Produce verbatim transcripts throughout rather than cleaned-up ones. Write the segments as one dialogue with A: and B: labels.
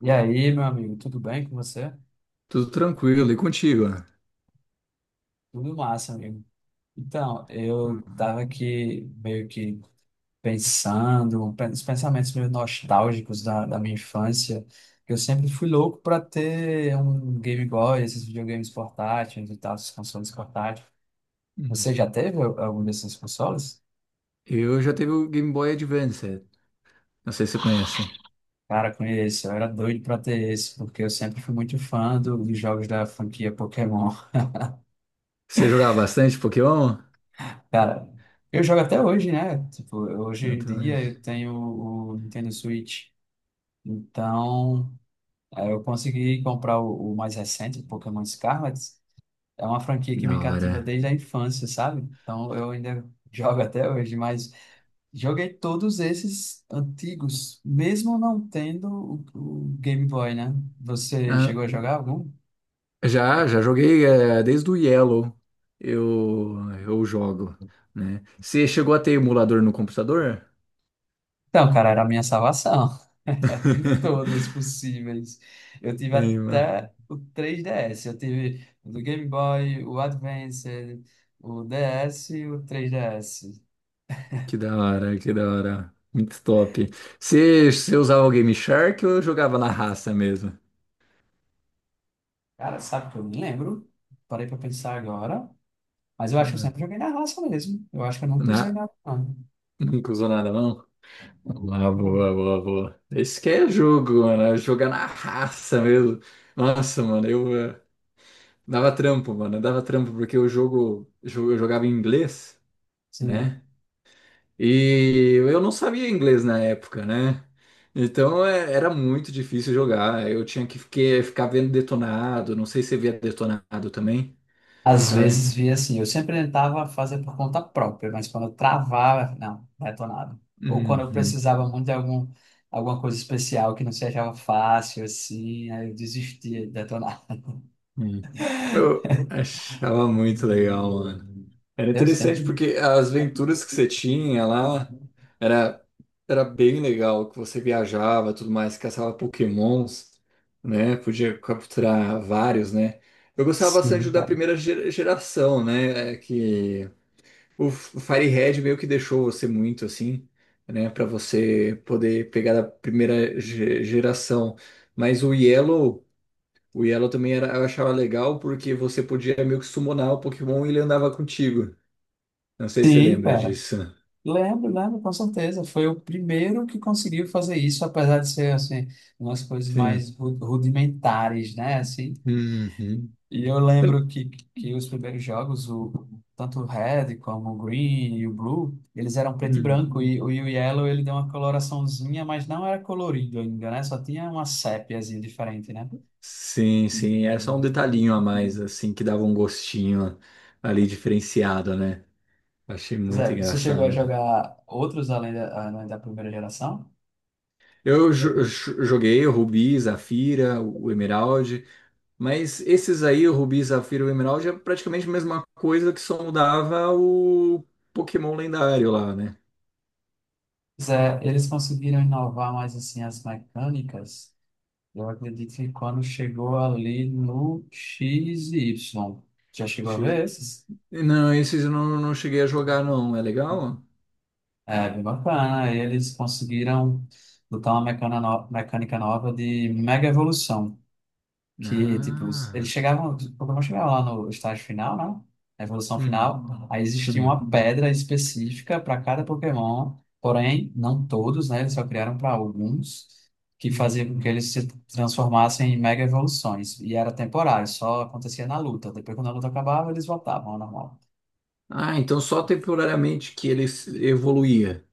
A: E aí, meu amigo, tudo bem com você?
B: Tudo tranquilo, e contigo, né?
A: Tudo massa, amigo. Então, eu tava aqui meio que pensando, pen- os pensamentos meio nostálgicos da, da minha infância, que eu sempre fui louco para ter um Game Boy, esses videogames portáteis e tal, esses consoles portáteis.
B: Hum.
A: Você já teve al- algum desses consoles?
B: Eu já teve o Game Boy Advance, não sei se você conhece.
A: Cara, conheço, eu era doido para ter esse, porque eu sempre fui muito fã do- dos jogos da franquia Pokémon.
B: Você jogava bastante Pokémon?
A: Cara, eu jogo até hoje, né? Tipo, hoje em
B: Então,
A: dia eu tenho o Nintendo Switch. Então, eh, eu consegui comprar o, o mais recente, o Pokémon Scarlet. É uma franquia
B: que
A: que me
B: da
A: cativa
B: hora.
A: desde a infância, sabe? Então, eu ainda jogo até hoje, mas joguei todos esses antigos, mesmo não tendo o, o Game Boy, né? Você
B: Ah,
A: chegou a jogar algum?
B: já, já joguei eh, desde o Yellow, eu, eu jogo, né? Você chegou a ter emulador no computador?
A: Então, cara, era a minha salvação. Eu tive todos possíveis. Eu tive
B: Tem, né?
A: até o três D S. Eu tive o do Game Boy, o Advance, o D S e o três D S.
B: Que da hora, que da hora. Muito top. Você, você usava o Game Shark ou jogava na raça mesmo?
A: Cara, sabe que eu me lembro? Parei pra pensar agora. Mas eu acho que eu
B: Ah,
A: sempre joguei na raça mesmo. Eu acho que eu nunca usei
B: Na,
A: nada. não.
B: nunca usou nada, não? Boa,
A: Não.
B: boa, boa, boa. Esse que é jogo, mano. É jogar na raça mesmo. Nossa, mano, eu eh, dava trampo, mano. Eu Dava trampo porque o jogo, jo- eu jogava em inglês,
A: Sim.
B: né? E eu não sabia inglês na época, né? Então eh, era muito difícil jogar. Eu tinha que fique- ficar vendo detonado. Não sei se você via detonado também,
A: Às
B: sabe?
A: vezes via assim, eu sempre tentava fazer por conta própria, mas quando eu travava, não, detonado. Ou quando eu
B: Uhum,
A: precisava muito de algum, alguma coisa especial que não se achava fácil, assim, aí eu desistia de detonar.
B: uhum. Eu achava muito legal, mano. Era
A: Eu
B: interessante
A: sempre.
B: porque as aventuras que você tinha lá era, era bem legal, que você viajava, tudo mais, caçava Pokémons, né? Podia capturar vários, né? Eu gostava
A: Sim,
B: bastante da
A: cara.
B: primeira ge- geração, né? É que o F- Fire Red meio que deixou você muito assim, né? Para você poder pegar da primeira ge- geração. Mas o Yellow, o Yellow também era, eu achava legal porque você podia meio que summonar o Pokémon e ele andava contigo. Não sei se você
A: Sim,
B: lembra
A: cara.
B: disso.
A: Lembro, lembro, com certeza. Foi o primeiro que conseguiu fazer isso, apesar de ser, assim, umas coisas
B: Sim.
A: mais ru- rudimentares, né? Assim,
B: Uhum.
A: e eu lembro que, que os primeiros jogos, o, tanto o Red como o Green e o Blue, eles eram preto e
B: Hum.
A: branco, e, o- e o Yellow ele deu uma coloraçãozinha, mas não era colorido ainda, né? Só tinha uma sépiazinha diferente, né?
B: Sim, sim. É só um detalhinho a mais, assim, que dava um gostinho ali diferenciado, né? Achei muito
A: Zé, você chegou a
B: engraçado.
A: jogar outros além da, além da primeira geração?
B: Eu jo- jo- joguei o Rubi, Zafira, o Emerald, mas esses aí, o Rubi, Zafira e o Emerald, é praticamente a mesma coisa que só mudava o Pokémon lendário lá, né?
A: Zé, eles conseguiram inovar mais assim as mecânicas. Eu acredito que quando chegou ali no X e Y, já chegou a
B: Achei.
A: ver esses?
B: Não, esses eu não, não cheguei a jogar, não. É legal?
A: É bem bacana. Eles conseguiram botar uma mecana no- mecânica nova de mega evolução. Que, tipo, eles
B: Ah.
A: chegavam, o Pokémon chegava lá no estágio final, né? Na evolução final. Aí existia uma
B: Sim.
A: pedra específica para cada Pokémon. Porém, não todos, né? Eles só criaram para alguns. Que
B: Hum.
A: fazia com que eles se transformassem em mega evoluções. E era temporário, só acontecia na luta. Depois, quando a luta acabava, eles voltavam ao normal.
B: Ah, então só temporariamente que ele se- evoluía.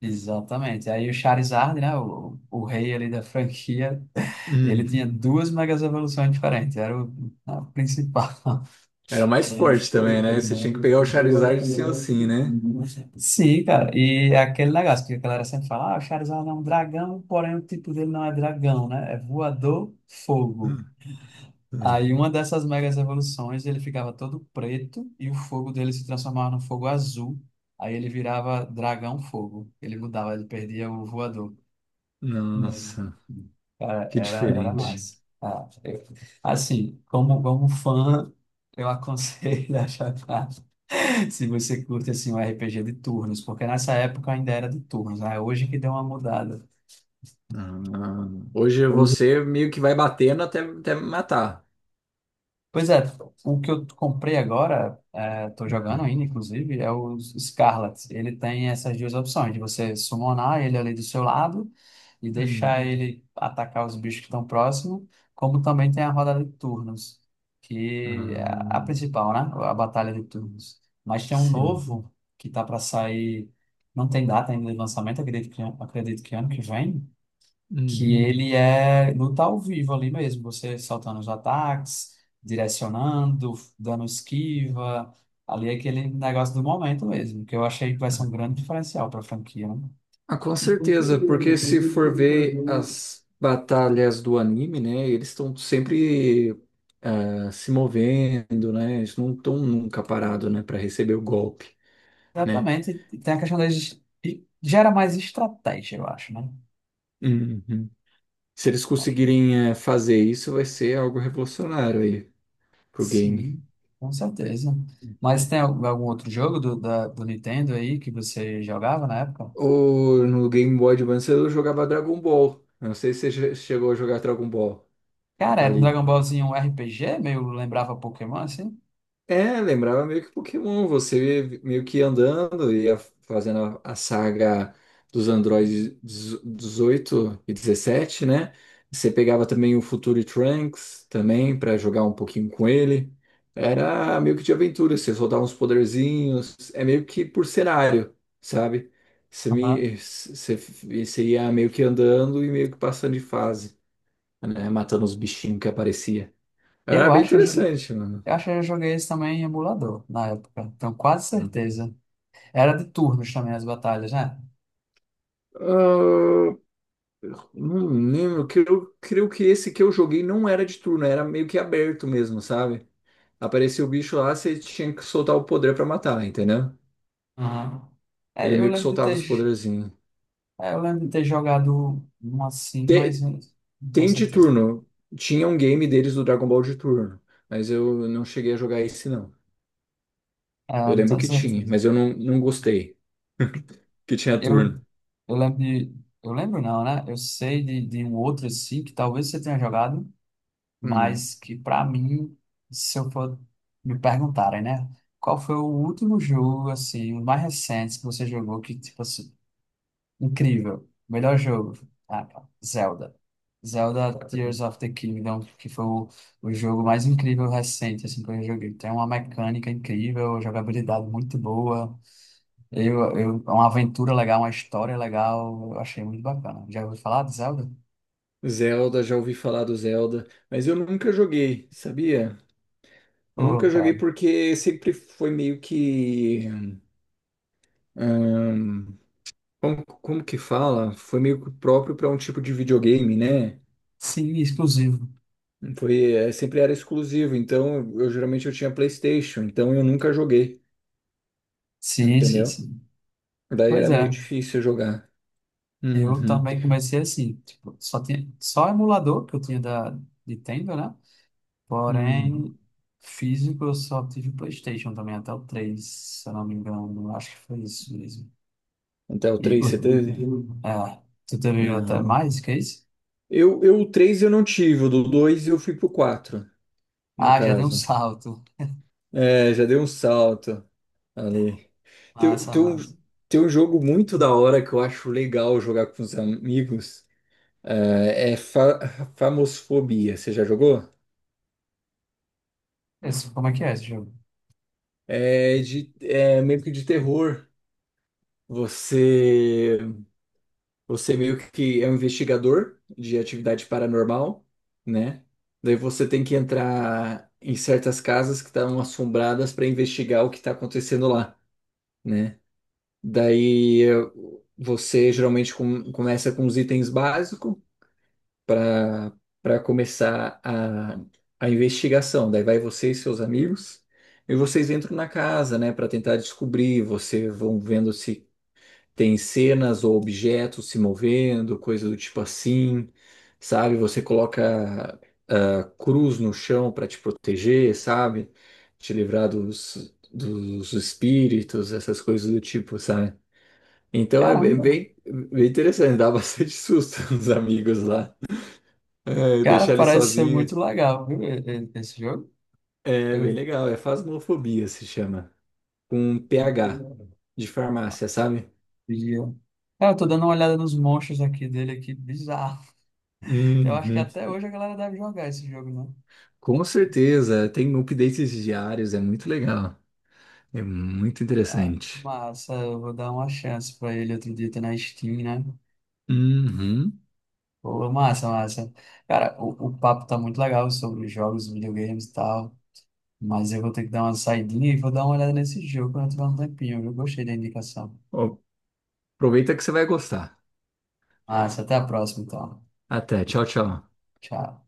A: Exatamente. Aí o Charizard, né, o, o rei ali da franquia, ele
B: Hum.
A: tinha duas megas evoluções diferentes, era o a principal.
B: Era mais forte também, né? Você tinha que pegar o Charizard sim ou sim, né?
A: Sim, cara, e é aquele negócio que a galera sempre fala, ah, o Charizard é um dragão, porém o tipo dele não é dragão, né? É voador, fogo.
B: Hum, hum.
A: Aí uma dessas megas evoluções, ele ficava todo preto e o fogo dele se transformava no fogo azul. Aí ele virava dragão fogo. Ele mudava, ele perdia o voador. Não.
B: Nossa,
A: Cara,
B: que
A: era, era
B: diferente.
A: massa. Ah, eu- assim, como, como fã, eu aconselho a jogar se você curte assim, um R P G de turnos, porque nessa época ainda era de turnos, né? Hoje que deu uma mudada.
B: Ah, hoje você meio que vai batendo até, até me matar.
A: Pois é, o que eu comprei agora, é, tô
B: Ah,
A: jogando ainda, inclusive, é o Scarlet. Ele tem essas duas opções, de você summonar ele ali do seu lado, e
B: Hum.
A: deixar ele atacar os bichos que estão próximos, como também tem a rodada de turnos, que é a
B: Ah,
A: principal, né? A batalha de turnos. Mas tem um
B: sim.
A: novo que tá para sair, não tem data ainda de lançamento, acredito que, acredito que ano que vem, que
B: Hum.
A: ele é luta ao vivo ali mesmo, você soltando os ataques, direcionando, dando esquiva. Ali é aquele negócio do momento mesmo, que eu achei que vai ser um grande diferencial para a franquia. né?
B: Ah, com certeza, porque se for ver as batalhas do anime, né, eles estão sempre ah, se movendo, né, eles não estão nunca parados, né, para receber o golpe, né.
A: Exatamente. E tem a questão da es- e gera mais estratégia, eu acho, né?
B: Uhum. Se eles
A: Acho-
B: conseguirem eh, fazer isso, vai ser algo revolucionário aí pro game.
A: sim, com certeza. Mas tem al- algum outro jogo do, da- do Nintendo aí que você jogava na época?
B: Ou no Game Boy Advance eu jogava Dragon Ball. Eu não sei se você che- chegou a jogar Dragon Ball
A: Cara, era um
B: ali.
A: Dragon Ballzinho, um R P G, meio lembrava Pokémon, assim?
B: É, lembrava meio que Pokémon, você meio que andando, ia fazendo a a saga dos androides dezoito e dezessete, né? Você pegava também o Future Trunks também para jogar um pouquinho com ele. Era meio que de aventura, você soltava uns poderzinhos, é meio que por cenário, sabe? Você,
A: Aham.
B: me, você, você ia meio que andando e meio que passando de fase, né? Matando os bichinhos que aparecia.
A: Eu
B: Era bem
A: acho, eu jo-
B: interessante, mano.
A: eu acho que eu joguei esse também em emulador na época. Tenho quase certeza. Era de turnos também as batalhas, né?
B: Ah, não lembro, que eu creio que esse que eu joguei não era de turno, era meio que aberto mesmo, sabe? Aparecia o bicho lá, você tinha que soltar o poder pra matar, entendeu?
A: Aham.
B: Ele
A: É, eu
B: meio que
A: lembro de
B: soltava
A: ter,
B: os
A: j-
B: poderzinhos.
A: é, eu lembro de ter jogado um assim, mas
B: Te-
A: eu não tenho
B: Tem, de
A: certeza.
B: turno, tinha um game deles do Dragon Ball de turno, mas eu não cheguei a jogar esse não.
A: Ah,
B: Eu
A: não
B: lembro
A: tenho
B: que tinha,
A: certeza.
B: mas eu não, não gostei que tinha
A: Eu,
B: turno.
A: eu lembro de. Eu lembro não, né? Eu sei de, de um outro assim, que talvez você tenha jogado,
B: Hum.
A: mas que pra mim, se eu for me perguntarem, né? Qual foi o último jogo, assim, o mais recente que você jogou que, tipo assim, incrível, melhor jogo? Ah, cara, Zelda. Zelda Tears of the Kingdom, que foi o, o jogo mais incrível recente, assim, que eu joguei. Tem uma mecânica incrível, jogabilidade muito boa. Eu, eu, é uma aventura legal, uma história legal, eu achei muito bacana. Já ouviu falar de Zelda?
B: Zelda, já ouvi falar do Zelda, mas eu nunca joguei, sabia?
A: Ô,
B: Nunca joguei
A: cara.
B: porque sempre foi meio que ahn, como, como que fala? Foi meio que próprio para um tipo de videogame, né?
A: Sim, exclusivo.
B: Foi, é, sempre era exclusivo, então eu geralmente eu tinha PlayStation, então eu nunca joguei,
A: Sim, sim,
B: entendeu?
A: sim.
B: Daí
A: Pois
B: era meio
A: é,
B: difícil jogar.
A: eu
B: Uhum,
A: também comecei assim, tipo, só tinha, só emulador que eu tinha da Nintendo, né?
B: uhum.
A: Porém, físico eu só tive o PlayStation também, até o três se eu não me engano, acho que foi isso mesmo.
B: Até o
A: E,
B: três
A: o-
B: você teve?
A: é, tu teve até
B: Não.
A: mais que isso?
B: Eu, eu, o três eu não tive, o do dois eu fui pro quatro no
A: Ah, já deu um
B: caso.
A: salto.
B: É, já deu um salto ali. Tem,
A: Massa,
B: tem um,
A: massa.
B: tem um jogo muito da hora que eu acho legal jogar com os amigos. Ah, é fa Famosfobia, você já jogou?
A: Esse, como é que é esse jogo?
B: É, de, é meio que de terror. Você, você meio que é um investigador de atividade paranormal, né? Daí você tem que entrar em certas casas que estão assombradas para investigar o que está acontecendo lá, né? Daí eh, você geralmente com- começa com os itens básicos. para Para começar a, a investigação. Daí vai você e seus amigos, e vocês entram na casa, né, para tentar descobrir. Você vão vendo se tem cenas ou objetos se movendo, coisa do tipo assim, sabe? Você coloca ah, cruz no chão para te proteger, sabe? Te livrar dos, dos espíritos, essas coisas do tipo, sabe? Então é bem,
A: Caramba.
B: bem bem interessante, dá bastante susto nos amigos lá. É,
A: Cara,
B: deixar ele
A: parece ser
B: sozinho.
A: muito legal, viu? e- e- Esse jogo.
B: É bem
A: Eu
B: legal, é Phasmofobia se chama. Com P H de farmácia, sabe?
A: pedi. Cara, eu tô dando uma olhada nos monstros aqui dele aqui, bizarro. Eu
B: Uhum.
A: acho que até hoje a galera deve jogar esse jogo, né
B: Com certeza, tem updates diários, é muito legal. É muito
A: Ah,
B: interessante.
A: massa, eu vou dar uma chance pra ele outro dia, tá na Steam, né?
B: Uhum.
A: Pô, massa, massa. Cara, o, o papo tá muito legal sobre jogos, videogames e tal, mas eu vou ter que dar uma saidinha e vou dar uma olhada nesse jogo quando eu tiver um tempinho, eu gostei da indicação.
B: Ó, aproveita que você vai gostar.
A: Massa, até a próxima, então.
B: Até, tchau, tchau.
A: Tchau.